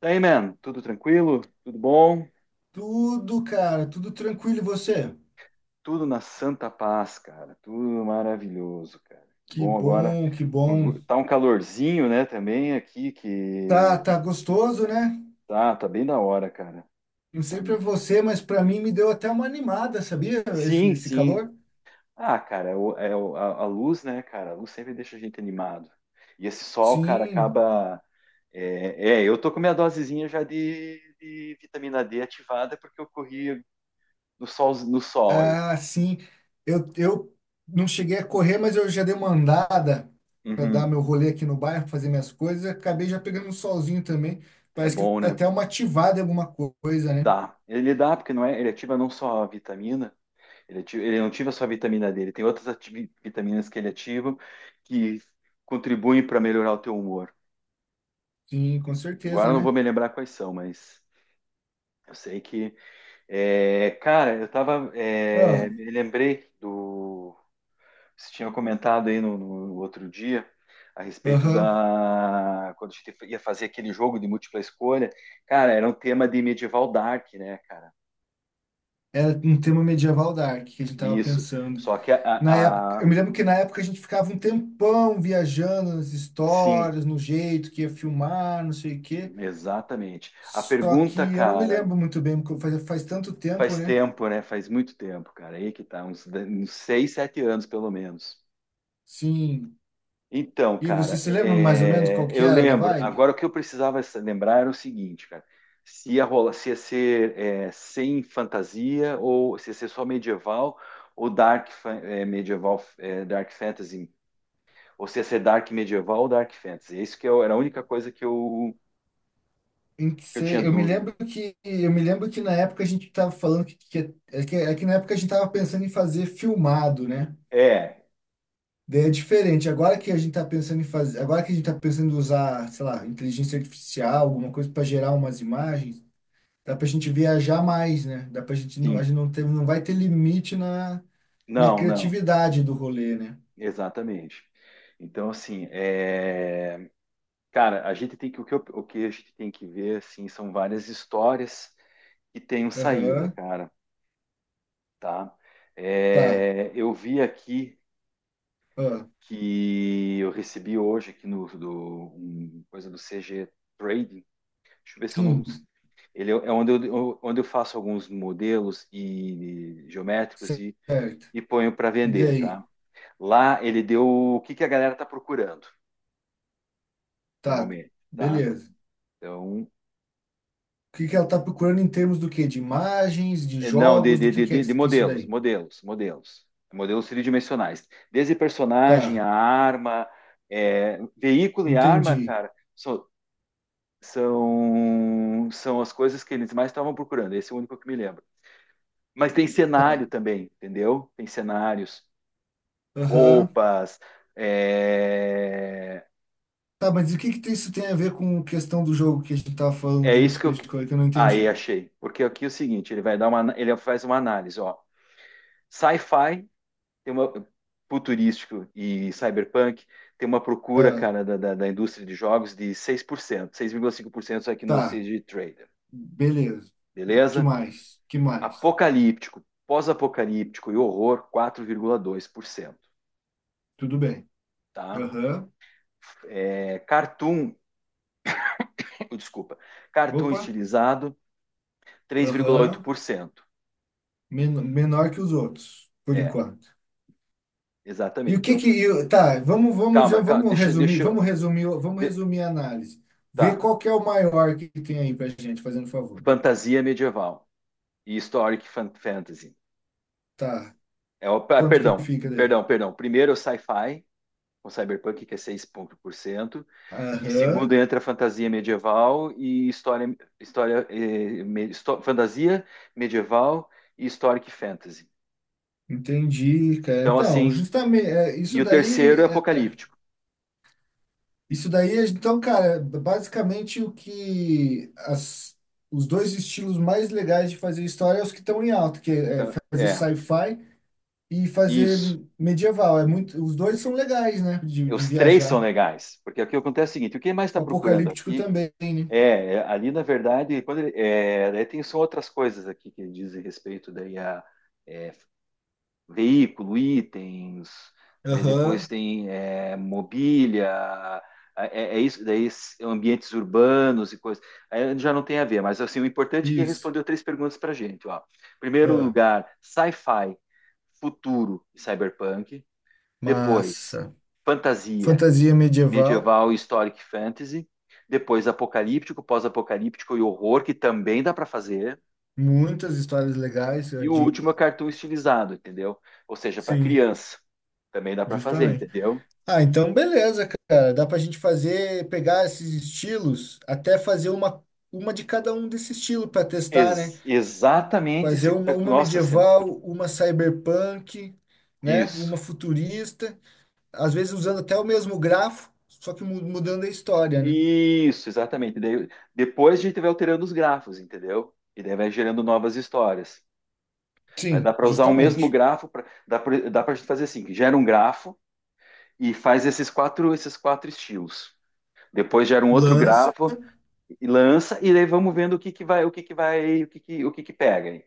Daí, man, tudo tranquilo? Tudo bom? Tudo, cara, tudo tranquilo. E você? Tudo na santa paz, cara. Tudo maravilhoso, cara. Que Bom, agora bom, que bom. tá um calorzinho, né, também aqui Tá, que tá gostoso, né? tá, bem da hora, cara. Não Tá- sei pra você, mas pra mim me deu até uma animada, sabia? Esse, Sim, esse sim. calor. Ah, cara, a luz, né, cara? A luz sempre deixa a gente animado. E esse sol, cara, Sim, acaba. Eu tô com minha dosezinha já de vitamina D ativada porque eu corri no sol, no sol aí. ah, sim. Eu não cheguei a correr, mas eu já dei uma andada pra dar Uhum. meu rolê aqui no bairro, fazer minhas coisas. Acabei já pegando um solzinho também. É Parece que bom, dá né? até uma ativada em alguma coisa, né? Dá. Ele dá porque não é, ele ativa não só a vitamina, ele, ativa- ele não ativa só a vitamina dele, tem outras ati- vitaminas que ele ativa que contribuem para melhorar o teu humor. Sim, com Agora certeza, eu não vou né? me lembrar quais são, mas eu sei que cara, eu tava Ah. me lembrei do você tinha comentado aí no outro dia a respeito Aham. da quando a gente ia fazer aquele jogo de múltipla escolha, cara, era um tema de medieval dark, né, cara? Era um tema medieval dark que a gente tava Isso. pensando. Só que Na época, eu a- me lembro que na época a gente ficava um tempão viajando nas Sim, histórias, no jeito que ia filmar, não sei o quê. exatamente. A Só pergunta, que eu não me cara, lembro muito bem, porque faz tanto tempo, faz né? tempo, né? Faz muito tempo, cara. Aí que tá, uns, de- uns seis, sete anos, pelo menos. Sim. Então, E você cara, se lembra mais ou menos qual que eu era da lembro. vibe? Agora, o que eu precisava sa- lembrar era o seguinte, cara. Se ia rolar, se ia ser sem fantasia ou se ia ser só medieval ou dark fa- é, medieval, é, dark fantasy, ou se ia ser dark medieval ou dark fantasy. Isso que eu- era a única coisa Em que que eu tinha cê- eu me dúvida. lembro que eu me lembro que na época a gente estava falando que na época a gente estava pensando em fazer filmado, né? É, Daí é diferente. Agora que a gente está pensando em fazer, agora que a gente está pensando em usar, sei lá, inteligência artificial, alguma coisa para gerar umas imagens. Dá pra gente viajar mais, né? Dá pra gente, não- a sim. gente não ter, não vai ter limite na, na Não, não. criatividade do rolê, né? Exatamente. Então, assim, cara, a gente tem que o que, eu- o que a gente tem que ver, assim, são várias histórias que tenham saída, Aham, cara, tá? tá. É, eu vi aqui Ah, que eu recebi hoje aqui no do um, coisa do CG Trading. Deixa eu ver se eu não sim, ele é onde eu faço alguns modelos e geométricos certo. e ponho para E vender, tá? daí? Lá ele deu o que que a galera tá procurando Tá, normalmente, tá? beleza. Então, O que que ela tá procurando em termos do quê? De imagens, de é, não, de, jogos, do de, de, que é de de que isso modelos, daí? modelos. Modelos tridimensionais. Desde personagem, a Tá, arma, é, veículo e arma, entendi. cara, são, são as coisas que eles mais estavam procurando. Esse é o único que me lembro. Mas tem Tá, cenário também, entendeu? Tem cenários, aham. roupas. É, Tá, mas o que que isso tem a ver com a questão do jogo que a gente tava falando é de isso que múltipla eu. escolha que eu não Aí entendi? achei. Porque aqui é o seguinte: ele vai dar uma. Ele faz uma análise, ó. Sci-fi tem uma futurístico e cyberpunk, tem uma procura, Ah, cara, da indústria de jogos de 6%, 6,5% aqui no tá, CG Trader, beleza. Que beleza? mais? Que mais? Apocalíptico, pós-apocalíptico e horror, 4,2%, Tudo bem. tá? Aham. É, cartoon, desculpa, cartoon Opa. estilizado, três vírgula oito Aham. por cento Men- Menor que os outros, por É, enquanto. E o exatamente. que Então, que eu- tá, vamos vamos já calma, calma vamos resumir, vamos resumir, vamos de, resumir a análise. Vê tá. qual que é o maior que tem aí pra gente, fazendo favor. Fantasia medieval e historic fantasy. Tá. É o, ah, Quanto que perdão, fica daí? perdão. Primeiro é o sci-fi, com cyberpunk, que é 6%. E segundo Aham. entra a fantasia medieval e história, fantasia medieval e historic fantasy. Entendi, cara. Então, Então, assim, justamente, e o terceiro é é. apocalíptico. Isso daí, então, cara, basicamente o que as, os dois estilos mais legais de fazer história é os que estão em alta, que é Então, fazer é, sci-fi e fazer isso. medieval. É muito, os dois são legais, né? De Os três são viajar. legais, porque o que acontece é o seguinte: o que mais está procurando Apocalíptico aqui também, né? Ali, na verdade, quando ele- é, daí tem são outras coisas aqui que dizem respeito daí a é, veículo, itens, daí depois Aham, tem é, mobília, é isso, daí ambientes urbanos e coisas. Aí já não tem a ver, mas assim, o importante é que ele isso. respondeu três perguntas para a gente. Ó. Primeiro Ah, lugar, sci-fi, futuro e cyberpunk. Depois, massa. fantasia, Fantasia medieval, medieval e historic fantasy. Depois, apocalíptico, pós-apocalíptico e horror, que também dá para fazer. muitas histórias legais. É E o de, último é cartoon estilizado, entendeu? Ou seja, para sim, criança. Também dá para fazer, justamente. entendeu? Ah, então beleza, cara. Dá pra gente fazer, pegar esses estilos, até fazer uma de cada um desse estilo pra testar, né? Ex- exatamente. Fazer Esse, uma nossa, centro- medieval, uma cyberpunk, né? isso. Uma futurista, às vezes usando até o mesmo grafo, só que mu- mudando a história, né? Isso, exatamente. Daí, depois a gente vai alterando os grafos, entendeu? E daí vai gerando novas histórias. Mas dá Sim, para usar o mesmo justamente. grafo, pra, dá para dá para gente fazer assim, que gera um grafo e faz esses quatro estilos. Depois gera um outro Lança, grafo e lança, e daí vamos vendo o que que pega.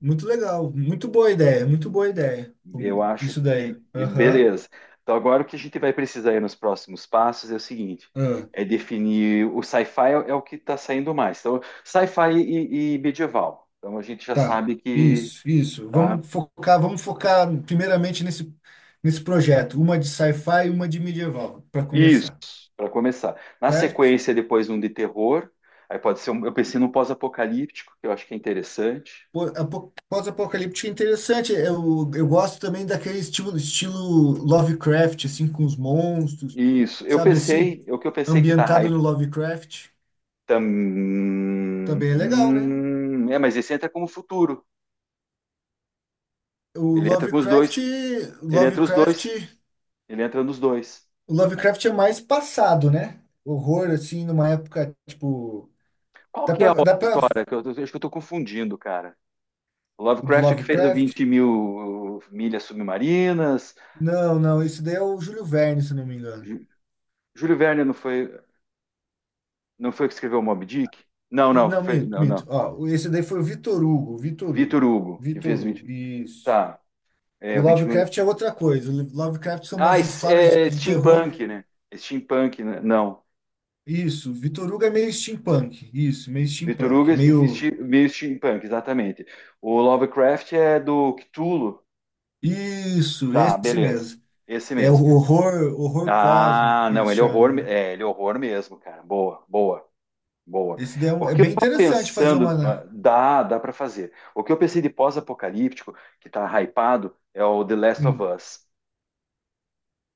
muito legal, muito boa ideia, muito boa ideia. Eu acho Isso daí. que. Aham. Beleza. Então, agora o que a gente vai precisar aí nos próximos passos é o seguinte: é definir. O sci-fi é o que está saindo mais. Então, sci-fi e medieval. Então, a gente já Tá, sabe que. isso, isso. Tá? Vamos focar primeiramente nesse projeto, uma de sci-fi e uma de medieval, para Isso, começar, para começar. Na certo? sequência, depois um de terror. Aí pode ser um, eu pensei num pós-apocalíptico, que eu acho que é interessante. Pô, apo- Pós-apocalíptico é interessante, eu gosto também daquele estilo, estilo Lovecraft, assim, com os monstros, Isso, eu sabe assim? pensei, o que eu pensei que tá Ambientado hype no Lovecraft, também também é legal, né? é, mas esse entra como futuro. O Ele entra com os Lovecraft, dois. Ele entra os Lovecraft, dois. Ele entra nos dois. o Lovecraft é mais passado, né? Horror, assim, numa época, tipo... Qual Dá que é a pra, outra dá pra história? Que eu acho que eu tô confundindo, cara. O O do Lovecraft é o que fez o Lovecraft? 20 mil milhas submarinas. Não, não, esse daí é o Júlio Verne, se não me engano. Jú- Júlio Verne não foi, não foi o que escreveu o Moby Dick? Não, E, não, não, foi, minto, não, minto. não. Ó, esse daí foi o Vitor Hugo, Vitor Vitor Hugo. Hugo, que Vitor fez Hugo, 20. isso. Tá, é O o 20 mil. Lovecraft é outra coisa. O Lovecraft são Ah, umas es- histórias é de terror. steampunk, né? Steampunk, né? Não. Isso, Vitor Hugo é meio steampunk. Isso, meio Vitor Hugo steampunk. é Meio. vesti- meio steampunk, exatamente. O Lovecraft é do Cthulhu. Isso, Tá, esse beleza. mesmo. Esse É o mesmo. horror, horror cósmico Ah, que não, eles ele é horror, chamam, me- né? é, ele é horror mesmo, cara. Boa, boa. Esse daí é, um- O é que eu bem tava interessante fazer pensando, ah, uma. Dá para fazer. O que eu pensei de pós-apocalíptico, que tá hypado, é o The Last of Hum, Us.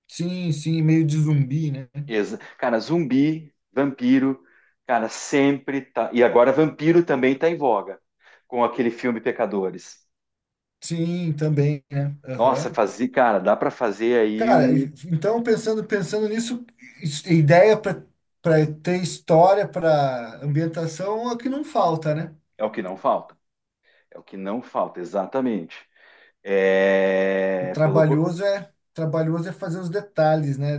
sim, sim, meio de zumbi, né? Ex- Cara, zumbi, vampiro, cara, sempre tá. E agora vampiro também tá em voga, com aquele filme Pecadores. Sim, também, né? Nossa, Aham. fazer, cara, dá para fazer aí Cara, um. então pensando nisso, is- ideia para para ter história, para ambientação é o que não falta, né? É o que não falta. É o que não falta, exatamente. O É, pelo, co- trabalhoso é fazer os detalhes, né?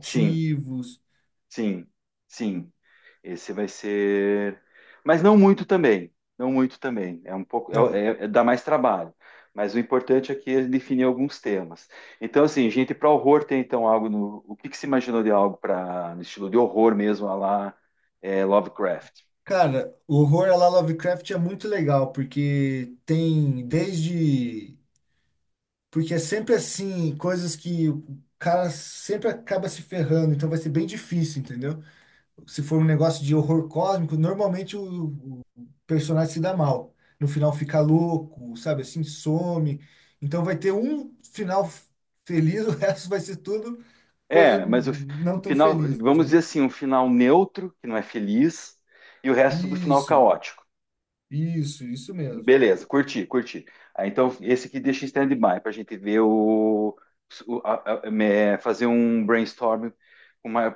sim, Sim, sim. Esse vai ser. Mas não muito também. Não muito também. É um pouco. É. Dá mais trabalho. Mas o importante aqui é definir alguns temas. Então, assim, gente, para horror tem então algo no. O que que se imaginou de algo para no estilo de horror mesmo, a lá Lovecraft? Cara, o horror à la Lovecraft é muito legal porque tem desde porque é sempre assim, coisas que o cara sempre acaba se ferrando, então vai ser bem difícil, entendeu? Se for um negócio de horror cósmico, normalmente o personagem se dá mal. No final fica louco, sabe? Assim, some. Então vai ter um final f- feliz, o resto vai ser tudo coisa É, mas o fi- não o tão final, feliz, vamos né? dizer assim, um final neutro, que não é feliz, e o resto do final Isso, caótico. isso mesmo. Beleza, curti, curti. Ah, então, esse aqui deixa em stand-by para a gente ver é, fazer um brainstorm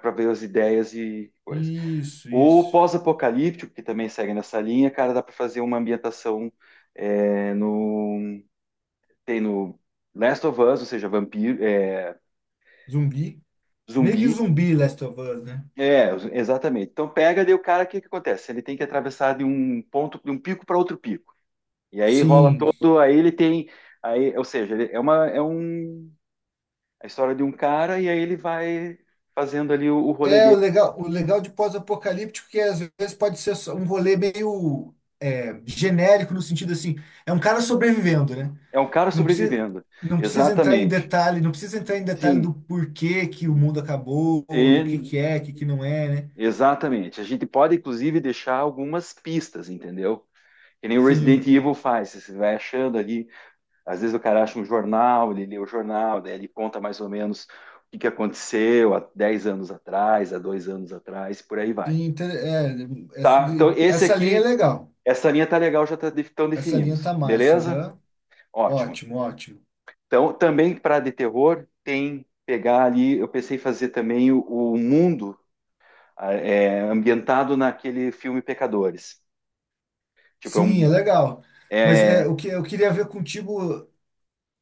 para ver as ideias e coisa. Isso, O isso. pós-apocalíptico, que também segue nessa linha, cara, dá para fazer uma ambientação é, no, tem no Last of Us, ou seja, vampiro, é, Zumbi. Meio que zumbi. zumbi Last of Us, né? É, exatamente. Então pega daí o cara, o que que acontece? Ele tem que atravessar de um ponto, de um pico para outro pico. E aí rola Sim, todo, aí ele tem, aí, ou seja, ele- é uma, é um, a história de um cara e aí ele vai fazendo ali o rolê é, dele. O legal de pós-apocalíptico é que às vezes pode ser só um rolê meio é, genérico no sentido assim, é um cara sobrevivendo, né? É um cara Não precisa, sobrevivendo. não precisa entrar em Exatamente. detalhe, não precisa entrar em detalhe do Sim. porquê que o mundo acabou, do que E- é, o que que não é, né? exatamente. A gente pode, inclusive, deixar algumas pistas, entendeu? Que nem o Resident Sim, Evil faz. Você vai achando ali, às vezes o cara acha um jornal, ele lê o jornal, daí ele conta mais ou menos o que que aconteceu há 10 anos atrás, há 2 anos atrás, por aí vai. sim, inter- é, essa, Tá, então esse essa linha é aqui, legal. essa linha tá legal, já tá, de- então Essa linha definimos, tá massa, beleza? aham. Ótimo. Ótimo, ótimo. Então, também para de terror, tem pegar ali, eu pensei em fazer também o mundo ah, é, ambientado naquele filme Pecadores. Tipo, é, Sim, é um, legal. Mas é, é o que eu queria ver contigo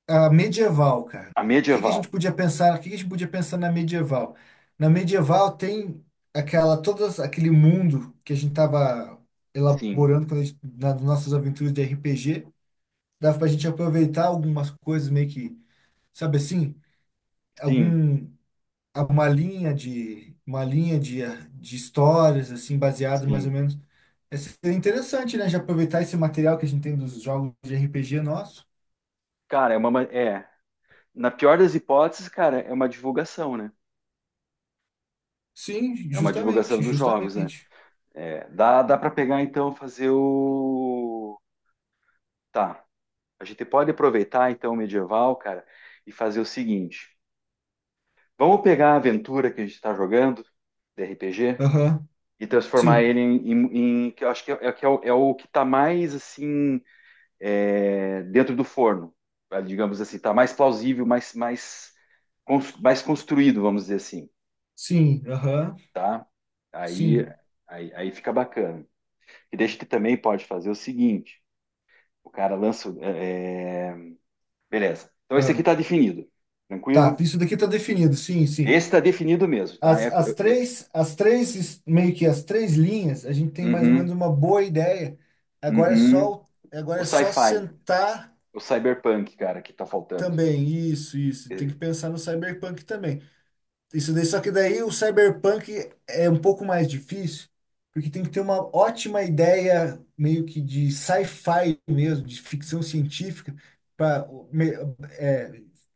A medieval, cara. a O que que a gente medieval. podia pensar? O que que a gente podia pensar na medieval? Na medieval tem aquela todas aquele mundo que a gente estava Sim, elaborando quando a gente, nas nossas aventuras de RPG, dava para a gente aproveitar algumas coisas meio que, sabe assim, sim, algum uma linha de histórias assim baseadas mais ou sim. menos. É seria interessante, né? De aproveitar esse material que a gente tem dos jogos de RPG nosso. Cara, é uma, ma- é, na pior das hipóteses, cara, é uma divulgação, né? Sim, É uma divulgação justamente, dos jogos, né? justamente. É, dá para pegar então fazer o Tá. A gente pode aproveitar então o medieval, cara, e fazer o seguinte: vamos pegar a aventura que a gente está jogando, de RPG, Aham, e transformar sim, ele em, em- em- que eu acho que é, é o, é o que está mais assim é, dentro do forno, tá? Digamos assim, está mais plausível, mais mais construído, vamos dizer assim, sim, aham, tá? Aí sim. Aí fica bacana. E daí a gente também pode fazer o seguinte: o cara lança, beleza? Então esse aqui Ah. está definido, Tá, tranquilo? isso daqui tá definido, sim, sim. Esse está definido mesmo, tá? As, as três, es- meio que as três linhas, a gente tem mais ou menos Uhum, uma boa ideia. Agora é uhum. só, o- agora O é só sci-fi, sentar o cyberpunk, cara, que tá faltando. também, isso, isso. Tem que É, pensar no cyberpunk também. Isso daí, só que daí o cyberpunk é um pouco mais difícil, porque tem que ter uma ótima ideia meio que de sci-fi mesmo, de ficção científica, para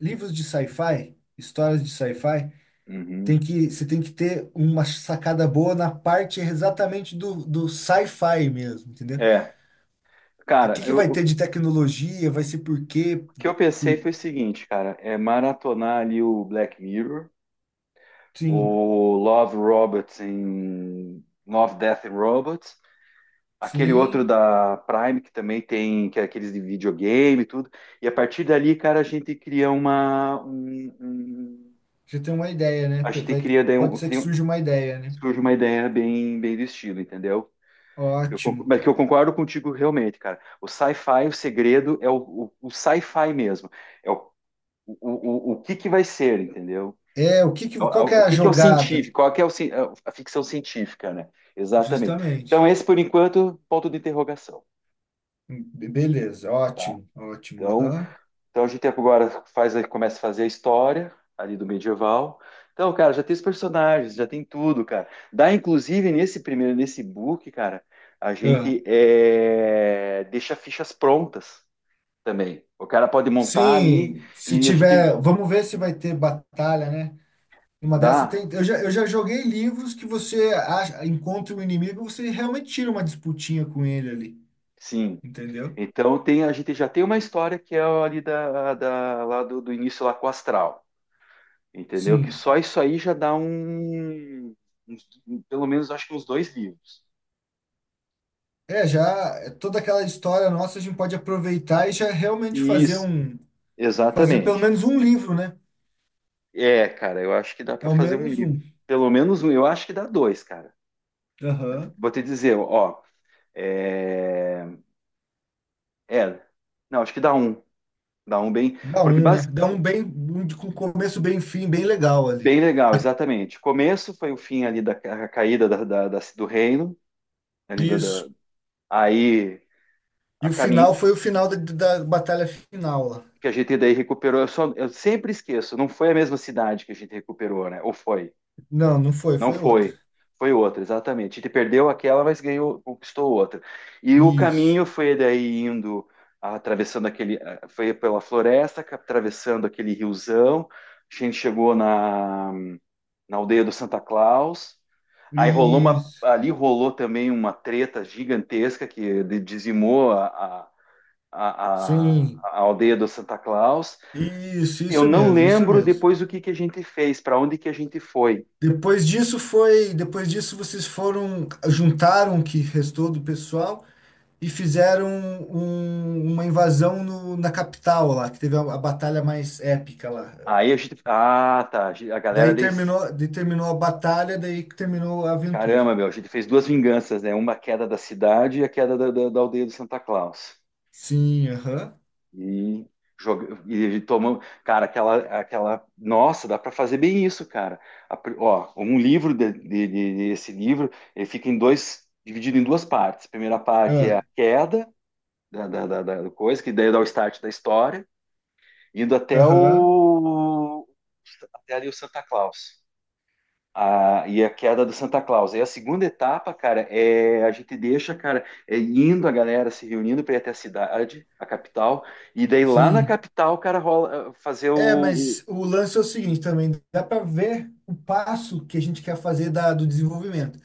livros de sci-fi, histórias de sci-fi, uhum. tem que você tem que ter uma sacada boa na parte exatamente do, do sci-fi mesmo, entendeu? É, O que cara, que vai eu- o ter de tecnologia, vai ser por quê? que eu pensei Por, foi o seguinte, cara, é maratonar ali o Black Mirror, sim, o Love Robots em Love, Death and Robots, aquele outro sim, da Prime que também tem que é aqueles de videogame e tudo. E a partir dali, cara, a gente cria uma um- um- já tem uma ideia, né? a gente Vai, cria daí pode um, ser que cria surja uma ideia, né? surge uma ideia bem, bem do estilo, entendeu? Eu, conc- Ótimo, mas que cara. eu concordo contigo realmente, cara. O sci-fi, o segredo é o sci-fi mesmo. É o, o, o que que vai ser, entendeu? É, o que que, É O, é qual que é o a que que é o jogada? científico? Qual que é o, ci- a ficção científica, né? Exatamente. Então, Justamente. esse, por enquanto, ponto de interrogação, Be- Beleza, tá? ótimo, ótimo. Então, Aham. Então a gente agora faz, começa a fazer a história ali do medieval. Então, cara, já tem os personagens, já tem tudo, cara. Dá, inclusive, nesse primeiro, nesse book, cara, a Ah, gente deixa fichas prontas também. O cara pode montar ali sim, se e a gente tiver, vamos ver se vai ter batalha, né? Uma dessa dá, tem. Eu já joguei livros que você acha, encontra o inimigo, você realmente tira uma disputinha com ele ali, sim. entendeu? Então tem, a gente já tem uma história que é ali lá do início lá com o Astral, entendeu? Que Sim. só isso aí já dá uns- pelo menos acho que uns dois livros. É, já é toda aquela história nossa a gente pode aproveitar e já realmente fazer Isso. um, fazer pelo Exatamente. menos um livro, né? É, cara, eu acho que dá É para o fazer um menos livro. um. Pelo menos um, eu acho que dá dois, cara. Aham. Vou te dizer, ó, é, é, não, acho que dá um bem, Dá porque um, né? Dá um bem, um de- com um começo, bem, fim, bem legal ali. bem legal, exatamente. Começo foi o fim ali da a caída do reino, ali Isso. Aí E a o final caminho foi o final da, da batalha final lá. que a gente daí recuperou. Eu sempre esqueço, não foi a mesma cidade que a gente recuperou, né? Ou foi? Não, não foi, Não foi outra. foi. Foi outra, exatamente. Ele perdeu aquela, mas ganhou, conquistou outra. E o Isso, caminho foi daí indo, atravessando foi pela floresta, atravessando aquele riozão. A gente chegou na aldeia do Santa Claus. Aí rolou isso, ali rolou também uma treta gigantesca que dizimou a, a, a, a sim, a aldeia do Santa Claus. isso, Eu isso não mesmo, isso lembro mesmo. depois o que que a gente fez, para onde que a gente foi. Depois disso foi, depois disso vocês foram, juntaram o que restou do pessoal e fizeram um- uma invasão no- na capital lá, que teve a batalha mais épica lá. Aí a gente. Ah, tá. A galera desse. Daí terminou a batalha, daí que terminou a aventura. Caramba, meu, a gente fez duas vinganças, né? Uma queda da cidade e a queda da aldeia do Santa Claus. Sim, aham. E, e a gente tomou. Cara, aquela, aquela. Nossa, dá para fazer bem isso, cara. Ó, um livro esse livro, ele fica em dois, dividido em duas partes. A primeira parte é a Ah, queda da coisa, que daí dá o start da história, indo até aham. o, até ali o Santa Claus. E a queda do Santa Claus. E a segunda etapa, cara, é a gente deixa, cara, é indo a galera se reunindo para ir até a cidade, a capital, e daí lá na Sim. capital, cara, rola fazer É, o- mas o lance é o seguinte também, dá para ver o passo que a gente quer fazer da, do desenvolvimento.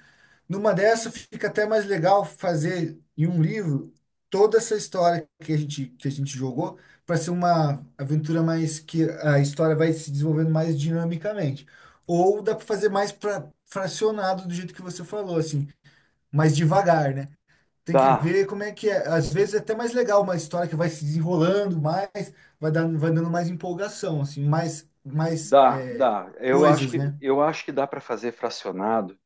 Numa dessa fica até mais legal fazer em um livro toda essa história que a gente jogou para ser uma aventura mais que a história vai se desenvolvendo mais dinamicamente. Ou dá para fazer mais pra, fracionado do jeito que você falou, assim, mais devagar, né? Tem que dá, ver como é que é. Às vezes é até mais legal uma história que vai se desenrolando mais, vai dando mais empolgação, assim, mais, mais dá, é, dá. Eu acho coisas, que né? eu acho que dá para fazer fracionado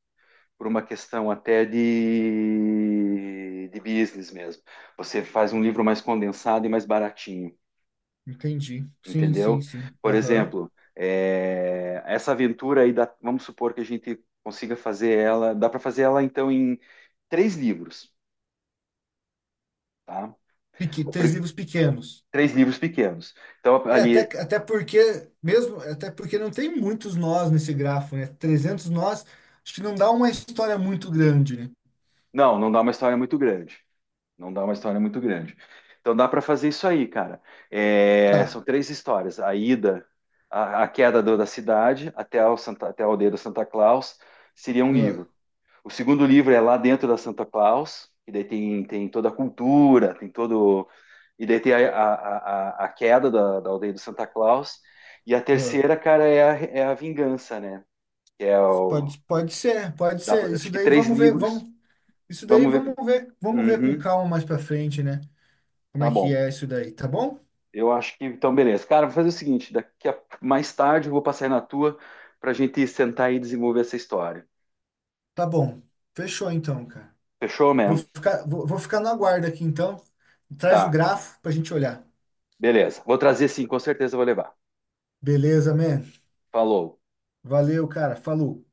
por uma questão até de business mesmo. Você faz um livro mais condensado e mais baratinho, Entendi. Sim, sim, entendeu? sim. Por Aham. exemplo, essa aventura aí, vamos supor que a gente consiga fazer ela, dá para fazer ela então em três livros, tá? Peque- O Três pri- livros pequenos. três livros pequenos. Então É, até, ali, até porque, mesmo, até porque não tem muitos nós nesse grafo, né? 300 nós, acho que não dá uma história muito grande, né? não, não dá uma história muito grande, não dá uma história muito grande. Então dá para fazer isso aí, cara. É, Tá. são três histórias: a ida, a queda da cidade até a aldeia do Santa Claus seria um Ah, livro. O segundo livro é lá dentro da Santa Claus, e daí tem, toda a cultura, tem todo. E daí tem a queda da aldeia do Santa Claus. E a ah. terceira, cara, a Vingança, né? Que é o. Pode, pode ser, pode dá ser. pra- Isso acho que daí três vamos ver, livros. vamos, isso daí Vamos ver. Vamos ver com Uhum, calma mais pra frente, né? Como tá é que bom. é isso daí, tá bom? Eu acho que. Então, beleza. Cara, vou fazer o seguinte: daqui a mais tarde eu vou passar aí na tua pra gente sentar e desenvolver essa história. Tá bom. Fechou então, cara. Fechou, Vou man? ficar, vou, vou ficar no aguardo aqui então. Traz o Tá, grafo pra gente olhar. beleza. Vou trazer sim, com certeza eu vou levar. Beleza, man? Falou. Valeu, cara. Falou.